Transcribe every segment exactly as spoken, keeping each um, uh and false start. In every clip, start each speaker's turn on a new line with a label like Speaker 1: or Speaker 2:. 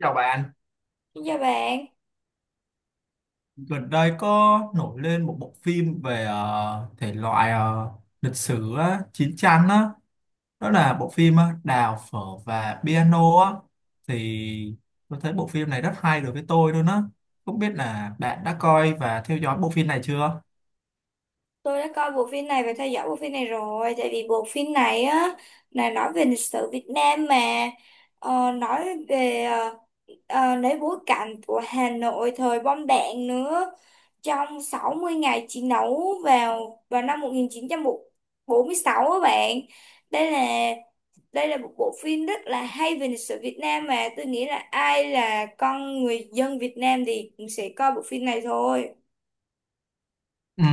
Speaker 1: Chào bạn,
Speaker 2: Xin chào bạn.
Speaker 1: gần đây có nổi lên một bộ phim về ờ, thể loại, ờ, lịch sử á, chiến tranh á. Đó là bộ phim ờ, Đào phở và piano á. Thì tôi thấy bộ phim này rất hay đối với tôi luôn á. Không biết là bạn đã coi và theo dõi bộ phim này chưa?
Speaker 2: Tôi đã coi bộ phim này và theo dõi bộ phim này rồi. Tại vì bộ phim này á là nói về lịch sử Việt Nam mà. Ờ, Nói về ờ, ờ, lấy bối cảnh của Hà Nội thời bom đạn nữa. Trong sáu mươi ngày chiến đấu vào vào năm một chín bốn sáu á bạn. Đây là đây là một bộ phim rất là hay về lịch sử Việt Nam, mà tôi nghĩ là ai là con người dân Việt Nam thì cũng sẽ coi bộ phim này thôi.
Speaker 1: Ừ.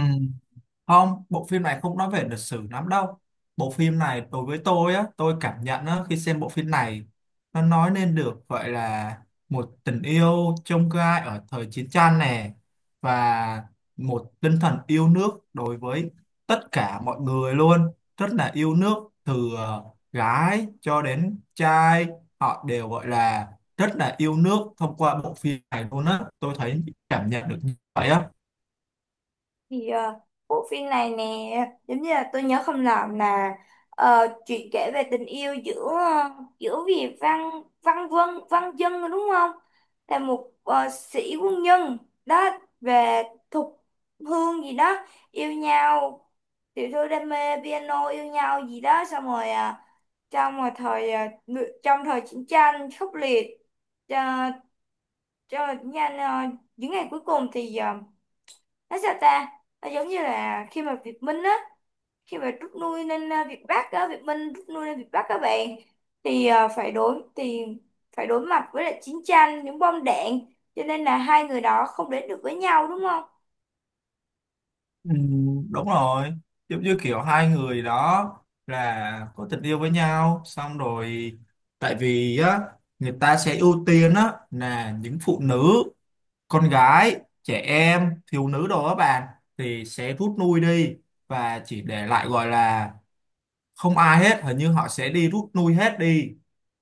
Speaker 1: Không, bộ phim này không nói về lịch sử lắm đâu. Bộ phim này đối với tôi á, tôi cảm nhận á, khi xem bộ phim này nó nói lên được gọi là một tình yêu chông gai ở thời chiến tranh nè, và một tinh thần yêu nước đối với tất cả mọi người luôn, rất là yêu nước, từ ờ, gái cho đến trai, họ đều gọi là rất là yêu nước thông qua bộ phim này luôn á. Tôi thấy cảm nhận được như vậy á.
Speaker 2: Thì ờ, bộ phim này nè, giống như là tôi nhớ không lầm là, ờ, chuyện kể về tình yêu giữa ờ, giữa Vì Văn Văn Vân Văn Dân, đúng không, là một ờ, sĩ quân nhân đó, về Thục Hương gì đó, yêu nhau, tiểu thư đam mê piano yêu nhau gì đó. Xong rồi ờ, trong một thời ờ, ngự- trong thời chiến tranh khốc liệt, cho cho nhanh ờ, những ngày cuối cùng thì ờ, nói sao ta, nó giống như là khi mà Việt Minh á, khi mà rút lui lên à, Việt Bắc á, Việt Minh rút lui lên Việt Bắc các bạn, thì à, phải đối thì phải đối mặt với lại chiến tranh những bom đạn, cho nên là hai người đó không đến được với nhau, đúng không.
Speaker 1: Ừ, đúng rồi. Giống như kiểu hai người đó là có tình yêu với nhau, xong rồi tại vì á người ta sẽ ưu tiên á là những phụ nữ, con gái, trẻ em, thiếu nữ đồ á bạn, thì sẽ rút lui đi, và chỉ để lại, gọi là không ai hết, hình như họ sẽ đi rút lui hết, đi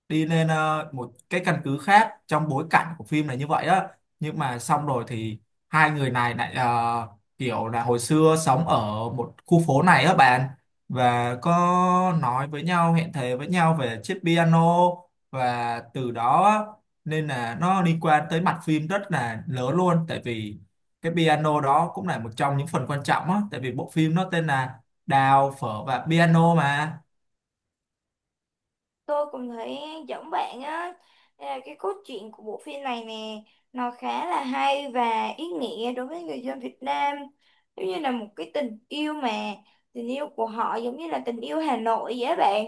Speaker 1: đi lên ờ, một cái căn cứ khác trong bối cảnh của phim này như vậy á. Nhưng mà xong rồi thì hai người này lại ờ, kiểu là hồi xưa sống ở một khu phố này á bạn, và có nói với nhau, hẹn thề với nhau về chiếc piano. Và từ đó á, nên là nó liên quan tới mặt phim rất là lớn luôn, tại vì cái piano đó cũng là một trong những phần quan trọng á, tại vì bộ phim nó tên là Đào phở và piano mà.
Speaker 2: Tôi cũng thấy giống bạn á. Đây là cái cốt truyện của bộ phim này nè, nó khá là hay và ý nghĩa đối với người dân Việt Nam. Giống như là một cái tình yêu mà, tình yêu của họ giống như là tình yêu Hà Nội vậy á bạn.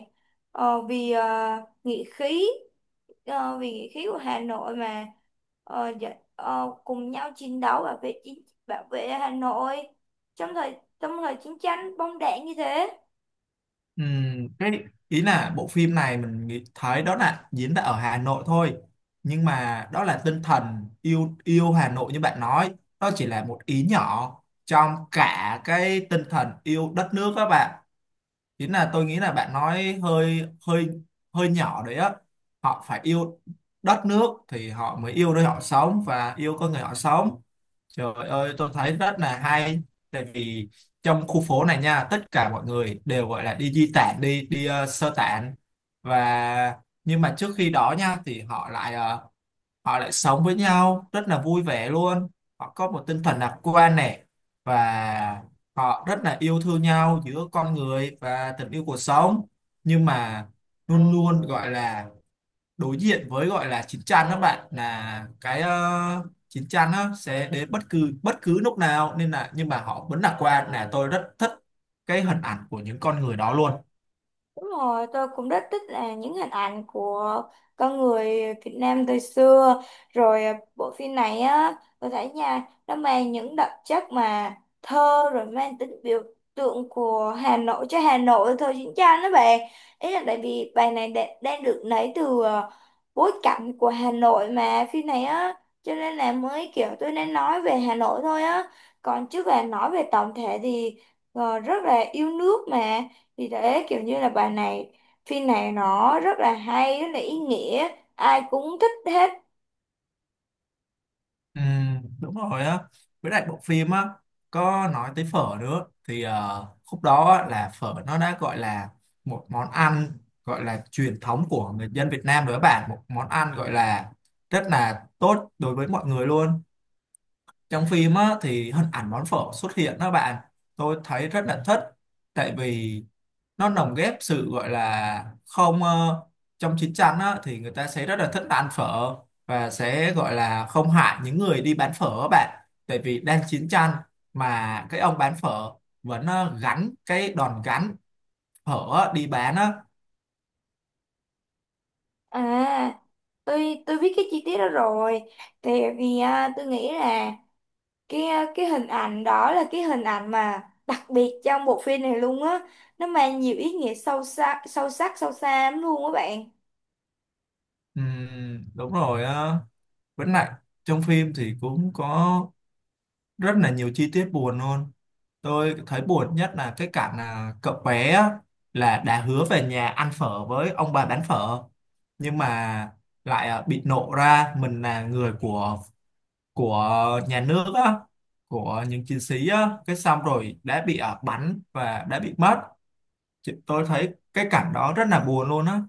Speaker 2: Ờ, vì ờ, nghĩa khí, ờ, vì nghĩa khí của Hà Nội mà ờ, dạ- ờ, cùng nhau chiến đấu bảo vệ chính, bảo vệ Hà Nội trong thời trong thời chiến tranh bom đạn như thế.
Speaker 1: Ừm, cái ý là bộ phim này mình nghĩ thấy đó là diễn ra ở Hà Nội thôi, nhưng mà đó là tinh thần yêu yêu Hà Nội như bạn nói, đó chỉ là một ý nhỏ trong cả cái tinh thần yêu đất nước các bạn. Chính là tôi nghĩ là bạn nói hơi hơi hơi nhỏ đấy á. Họ phải yêu đất nước thì họ mới yêu nơi họ sống và yêu con người họ sống. Trời ơi, tôi thấy rất là hay. Tại vì trong khu phố này nha, tất cả mọi người đều gọi là đi di tản, đi đi ờ, sơ tản. Và nhưng mà trước khi đó nha, thì họ lại ờ, họ lại sống với nhau rất là vui vẻ luôn. Họ có một tinh thần lạc quan này, và họ rất là yêu thương nhau giữa con người và tình yêu cuộc sống. Nhưng mà luôn luôn gọi là đối diện với gọi là chín chắn các bạn, là cái uh, chín chắn nó sẽ đến bất cứ bất cứ lúc nào, nên là nhưng mà họ vẫn lạc quan. Là tôi rất thích cái hình ảnh của những con người đó luôn.
Speaker 2: Đúng rồi, tôi cũng rất thích là những hình ảnh của con người Việt Nam thời xưa. Rồi à, bộ phim này á, tôi thấy nha, nó mang những đặc chất mà thơ, rồi mang tính biểu tượng của Hà Nội cho Hà Nội thời chiến tranh đó bạn. Ý là tại vì bài này đa- đang được lấy từ à, bối cảnh của Hà Nội mà phim này á, cho nên là mới kiểu tôi nên nói về Hà Nội thôi á. Còn chứ là nói về tổng thể thì ờ, rất là yêu nước mà. Thì thế kiểu như là bài này phim này nó rất là hay rất là ý nghĩa, ai cũng thích hết.
Speaker 1: Ừm, đúng rồi á. Với lại bộ phim á có nói tới phở nữa, thì ờ, khúc đó á, là phở nó đã gọi là một món ăn, gọi là truyền thống của người dân Việt Nam rồi các bạn, một món ăn gọi là rất là tốt đối với mọi người luôn. Trong phim á, thì hình ảnh món phở xuất hiện đó bạn, tôi thấy rất là thích. Tại vì nó lồng ghép sự gọi là không ờ, trong chiến tranh á, thì người ta sẽ rất là thích ăn phở, và sẽ gọi là không hại những người đi bán phở á bạn, tại vì đang chiến tranh, mà cái ông bán phở vẫn ờ, gắn cái đòn gánh phở á, đi bán á.
Speaker 2: À, tôi tôi biết cái chi tiết đó rồi, tại vì à, tôi nghĩ là cái à, cái hình ảnh đó là cái hình ảnh mà đặc biệt trong bộ phim này luôn á, nó mang nhiều ý nghĩa sâu sắc sâu sắc sâu xa lắm luôn á bạn.
Speaker 1: Ừm, đúng rồi á. Với lại trong phim thì cũng có rất là nhiều chi tiết buồn luôn. Tôi thấy buồn nhất là cái cảnh là cậu bé á, là đã hứa về nhà ăn phở với ông bà bán phở, nhưng mà lại à, bị nộ ra mình là người của của nhà nước á, của những chiến sĩ á, cái xong rồi đã bị à, bắn và đã bị mất. Chị- tôi thấy cái cảnh đó rất là buồn luôn á.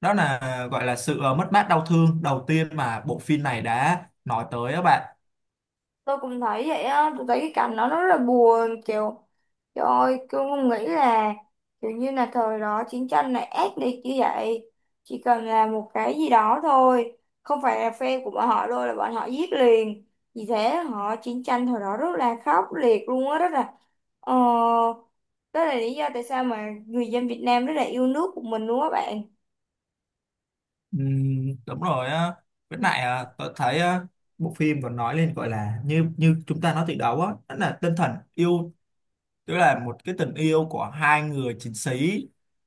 Speaker 1: Đó là à, gọi là sự à, mất mát đau thương đầu tiên mà bộ phim này đã nói tới á bạn.
Speaker 2: Tôi cũng thấy vậy á, tôi thấy cái cảnh đó nó rất là buồn, kiểu trời ơi tôi không nghĩ là kiểu như là thời đó chiến tranh này ác liệt như vậy. Chỉ cần là một cái gì đó thôi không phải là phe của bọn họ đâu là bọn họ giết liền. Vì thế họ chiến tranh thời đó rất là khốc liệt luôn á. Rất là ờ Đó là lý do tại sao mà người dân Việt Nam rất là yêu nước của mình luôn á bạn.
Speaker 1: Ừm, đúng rồi á. Với lại à, tôi thấy à, bộ phim còn nói lên gọi là như như chúng ta nói từ đầu á, đó là tinh thần yêu, tức là một cái tình yêu của hai người chiến sĩ.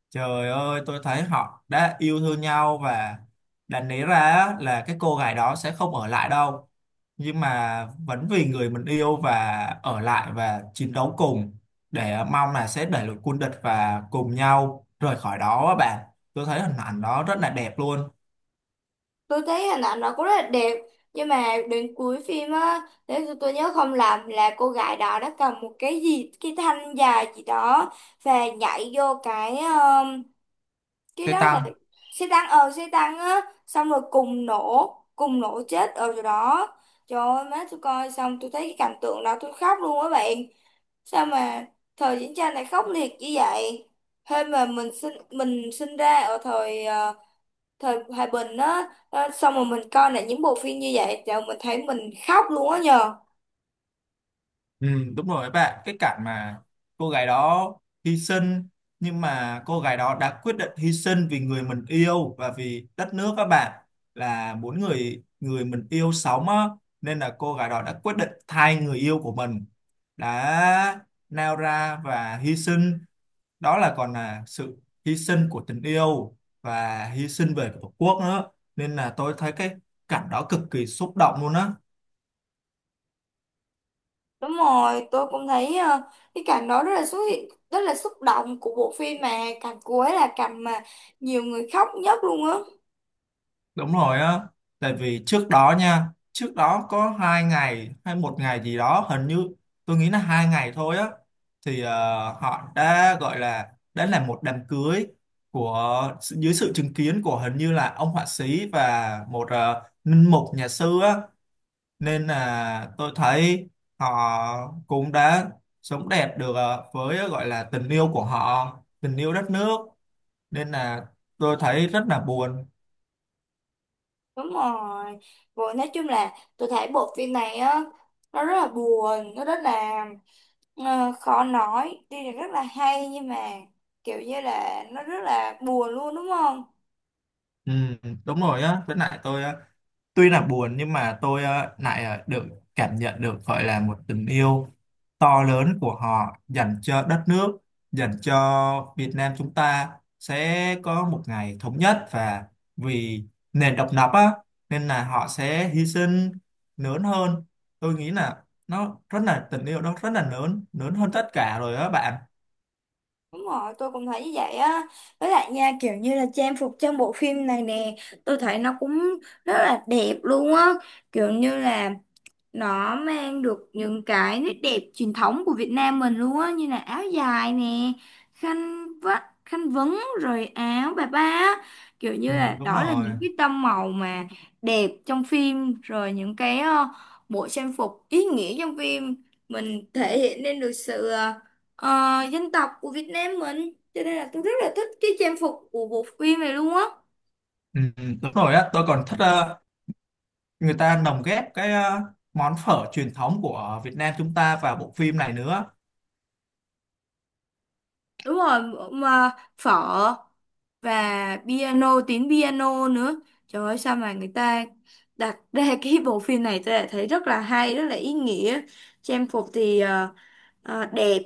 Speaker 1: Trời ơi, tôi thấy họ đã yêu thương nhau, và đáng lý ra á, là cái cô gái đó sẽ không ở lại đâu, nhưng mà vẫn vì người mình yêu và ở lại và chiến đấu cùng, để mong là sẽ đẩy lùi quân địch và cùng nhau rời khỏi đó á bạn. Tôi thấy hình ảnh đó rất là đẹp luôn.
Speaker 2: Tôi thấy hình ảnh nó cũng rất là đẹp, nhưng mà đến cuối phim á, nếu tôi, tôi nhớ không lầm là cô gái đó đã cầm một cái gì, cái thanh dài gì đó, và nhảy vô cái um, cái
Speaker 1: Xe
Speaker 2: đó là
Speaker 1: tăng.
Speaker 2: xe tăng, ờ xe tăng á. Xong rồi cùng nổ cùng nổ chết ở chỗ đó. Trời ơi má, tôi coi xong tôi thấy cái cảnh tượng đó tôi khóc luôn á bạn. Sao mà thời chiến tranh này khốc liệt như vậy, hơn mà mình sinh mình sinh ra ở thời ờ, thời hòa bình á, ờ, xong rồi mình coi lại những bộ phim như vậy rồi mình thấy mình khóc luôn á nhờ.
Speaker 1: Ừ, đúng rồi các bạn, cái cảnh mà cô gái đó hy sinh, nhưng mà cô gái đó đã quyết định hy sinh vì người mình yêu và vì đất nước các bạn, là muốn người người mình yêu sống á, nên là cô gái đó đã quyết định thay người yêu của mình, đã nao ra và hy sinh. Đó là còn là sự hy sinh của tình yêu và hy sinh về tổ quốc nữa, nên là tôi thấy cái cảnh đó cực kỳ xúc động luôn á.
Speaker 2: Đúng rồi, tôi cũng thấy ờ, cái cảnh đó rất là xúc rất là xúc động của bộ phim, mà cảnh cuối là cảnh mà nhiều người khóc nhất luôn á.
Speaker 1: Đúng rồi á. Tại vì trước đó nha, trước đó có hai ngày hay một ngày gì đó, hình như tôi nghĩ là hai ngày thôi á, thì ờ, họ đã gọi là đã làm một đám cưới, của dưới sự chứng kiến của hình như là ông họa sĩ và một ờ, linh mục nhà sư á. Nên là tôi thấy họ cũng đã sống đẹp được ờ, với gọi là tình yêu của họ, tình yêu đất nước. Nên là tôi thấy rất là buồn.
Speaker 2: Đúng rồi. Rồi nói chung là tôi thấy bộ phim này á, nó rất là buồn, nó rất là ờ, khó nói, tuy là rất là hay nhưng mà kiểu như là nó rất là buồn luôn, đúng không.
Speaker 1: Ừ, đúng rồi á. Với lại tôi á, tuy là buồn, nhưng mà tôi á lại à, được cảm nhận được, gọi là một tình yêu to lớn của họ dành cho đất nước, dành cho Việt Nam. Chúng ta sẽ có một ngày thống nhất, và vì nền độc lập á, nên là họ sẽ hy sinh lớn hơn. Tôi nghĩ là nó rất là tình yêu, nó rất là lớn, lớn hơn tất cả rồi á bạn.
Speaker 2: Đúng rồi, tôi cũng thấy như vậy á. Với lại nha, kiểu như là trang phục trong bộ phim này nè, tôi thấy nó cũng rất là đẹp luôn á. Kiểu như là nó mang được những cái nét đẹp truyền thống của Việt Nam mình luôn á, như là áo dài nè, khăn vắt khăn vấn rồi áo bà ba á. Kiểu như
Speaker 1: Ừ,
Speaker 2: là
Speaker 1: đúng
Speaker 2: đó là
Speaker 1: rồi.
Speaker 2: những cái tông màu mà đẹp trong phim, rồi những cái ờ, bộ trang phục ý nghĩa trong phim mình thể hiện lên được sự ờ, ờ, dân tộc của Việt Nam mình, cho nên là tôi rất là thích cái trang phục của bộ phim này luôn á.
Speaker 1: Ừ, đúng rồi á. Tôi còn thích người ta lồng ghép cái ờ, món phở truyền thống của Việt Nam chúng ta vào bộ phim này nữa.
Speaker 2: Đúng rồi, mà phở và piano, tiếng piano nữa. Trời ơi, sao mà người ta đặt ra cái bộ phim này tôi đã thấy rất là hay, rất là ý nghĩa. Trang phục thì ờ, ờ, đẹp,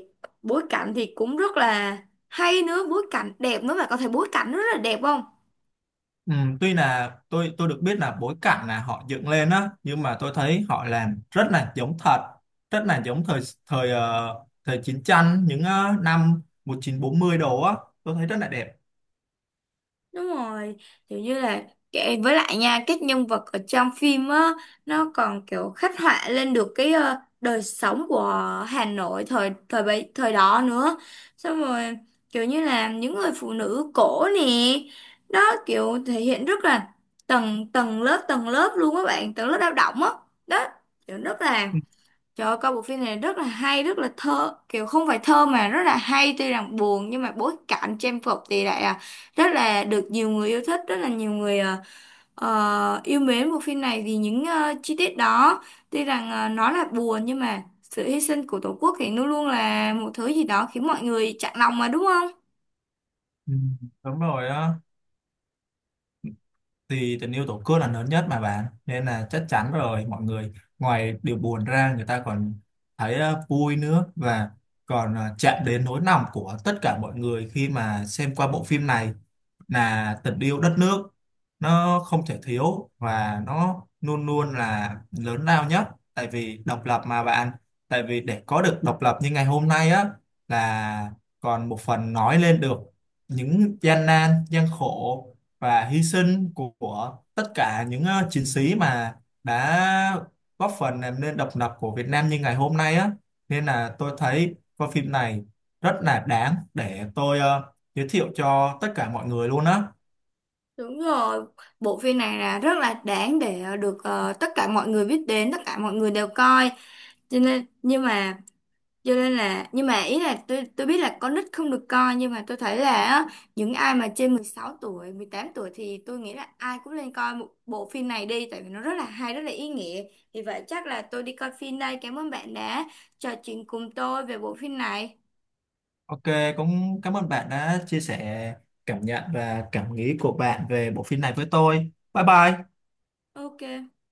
Speaker 2: bối cảnh thì cũng rất là hay nữa, bối cảnh đẹp nữa, mà có thể bối cảnh rất là đẹp không?
Speaker 1: Ừ, tuy là tôi tôi được biết là bối cảnh là họ dựng lên á, nhưng mà tôi thấy họ làm rất là giống thật, rất là giống thời thời ờ, thời chiến tranh những ờ, năm một nghìn chín trăm bốn mươi đồ á. Tôi thấy rất là đẹp.
Speaker 2: Đúng rồi, kiểu như là kệ- với lại nha, các nhân vật ở trong phim á nó còn kiểu khắc họa lên được cái ờ, đời sống của Hà Nội thời thời bấy thời đó nữa. Xong rồi kiểu như là những người phụ nữ cổ nè, đó kiểu thể hiện rất là tầng tầng lớp tầng lớp luôn các bạn, tầng lớp lao động á. Đó, kiểu rất là trời ơi, coi bộ phim này rất là hay, rất là thơ, kiểu không phải thơ mà rất là hay, tuy rằng buồn nhưng mà bối cảnh trang phục thì lại à, rất là được nhiều người yêu thích, rất là nhiều người à, ờ, yêu mến bộ phim này vì những ờ, chi tiết đó. Tuy rằng ờ, nó là buồn nhưng mà sự hy sinh của Tổ quốc thì luôn luôn là một thứ gì đó khiến mọi người chạnh lòng, mà đúng không?
Speaker 1: Ừ, đúng rồi á. Thì tình yêu tổ quốc là lớn nhất mà bạn, nên là chắc chắn rồi, mọi người ngoài điều buồn ra, người ta còn thấy ờ, vui nữa, và còn ờ, chạm đến nỗi lòng của tất cả mọi người khi mà xem qua bộ phim này. Là tình yêu đất nước nó không thể thiếu, và nó luôn luôn là lớn lao nhất, tại vì độc lập mà bạn. Tại vì để có được độc lập như ngày hôm nay á, là còn một phần nói lên được những gian nan gian khổ và hy sinh của, của tất cả những ờ, chiến sĩ mà đã góp phần làm nên độc lập của Việt Nam như ngày hôm nay á. Nên là tôi thấy coi phim này rất là đáng để tôi ờ, giới thiệu cho tất cả mọi người luôn á.
Speaker 2: Đúng rồi, bộ phim này là rất là đáng để ờ, được ờ, tất cả mọi người biết đến, tất cả mọi người đều coi. Cho nên nhưng mà cho nên là nhưng mà ý là tôi tôi biết là con nít không được coi, nhưng mà tôi thấy là á, những ai mà trên mười sáu tuổi mười tám tuổi thì tôi nghĩ là ai cũng nên coi một bộ phim này đi, tại vì nó rất là hay rất là ý nghĩa. Vì vậy chắc là tôi đi coi phim đây, cảm ơn bạn đã trò chuyện cùng tôi về bộ phim này.
Speaker 1: Ok, cũng cảm ơn bạn đã chia sẻ cảm nhận và cảm nghĩ của bạn về bộ phim này với tôi. Bye bye.
Speaker 2: Ok.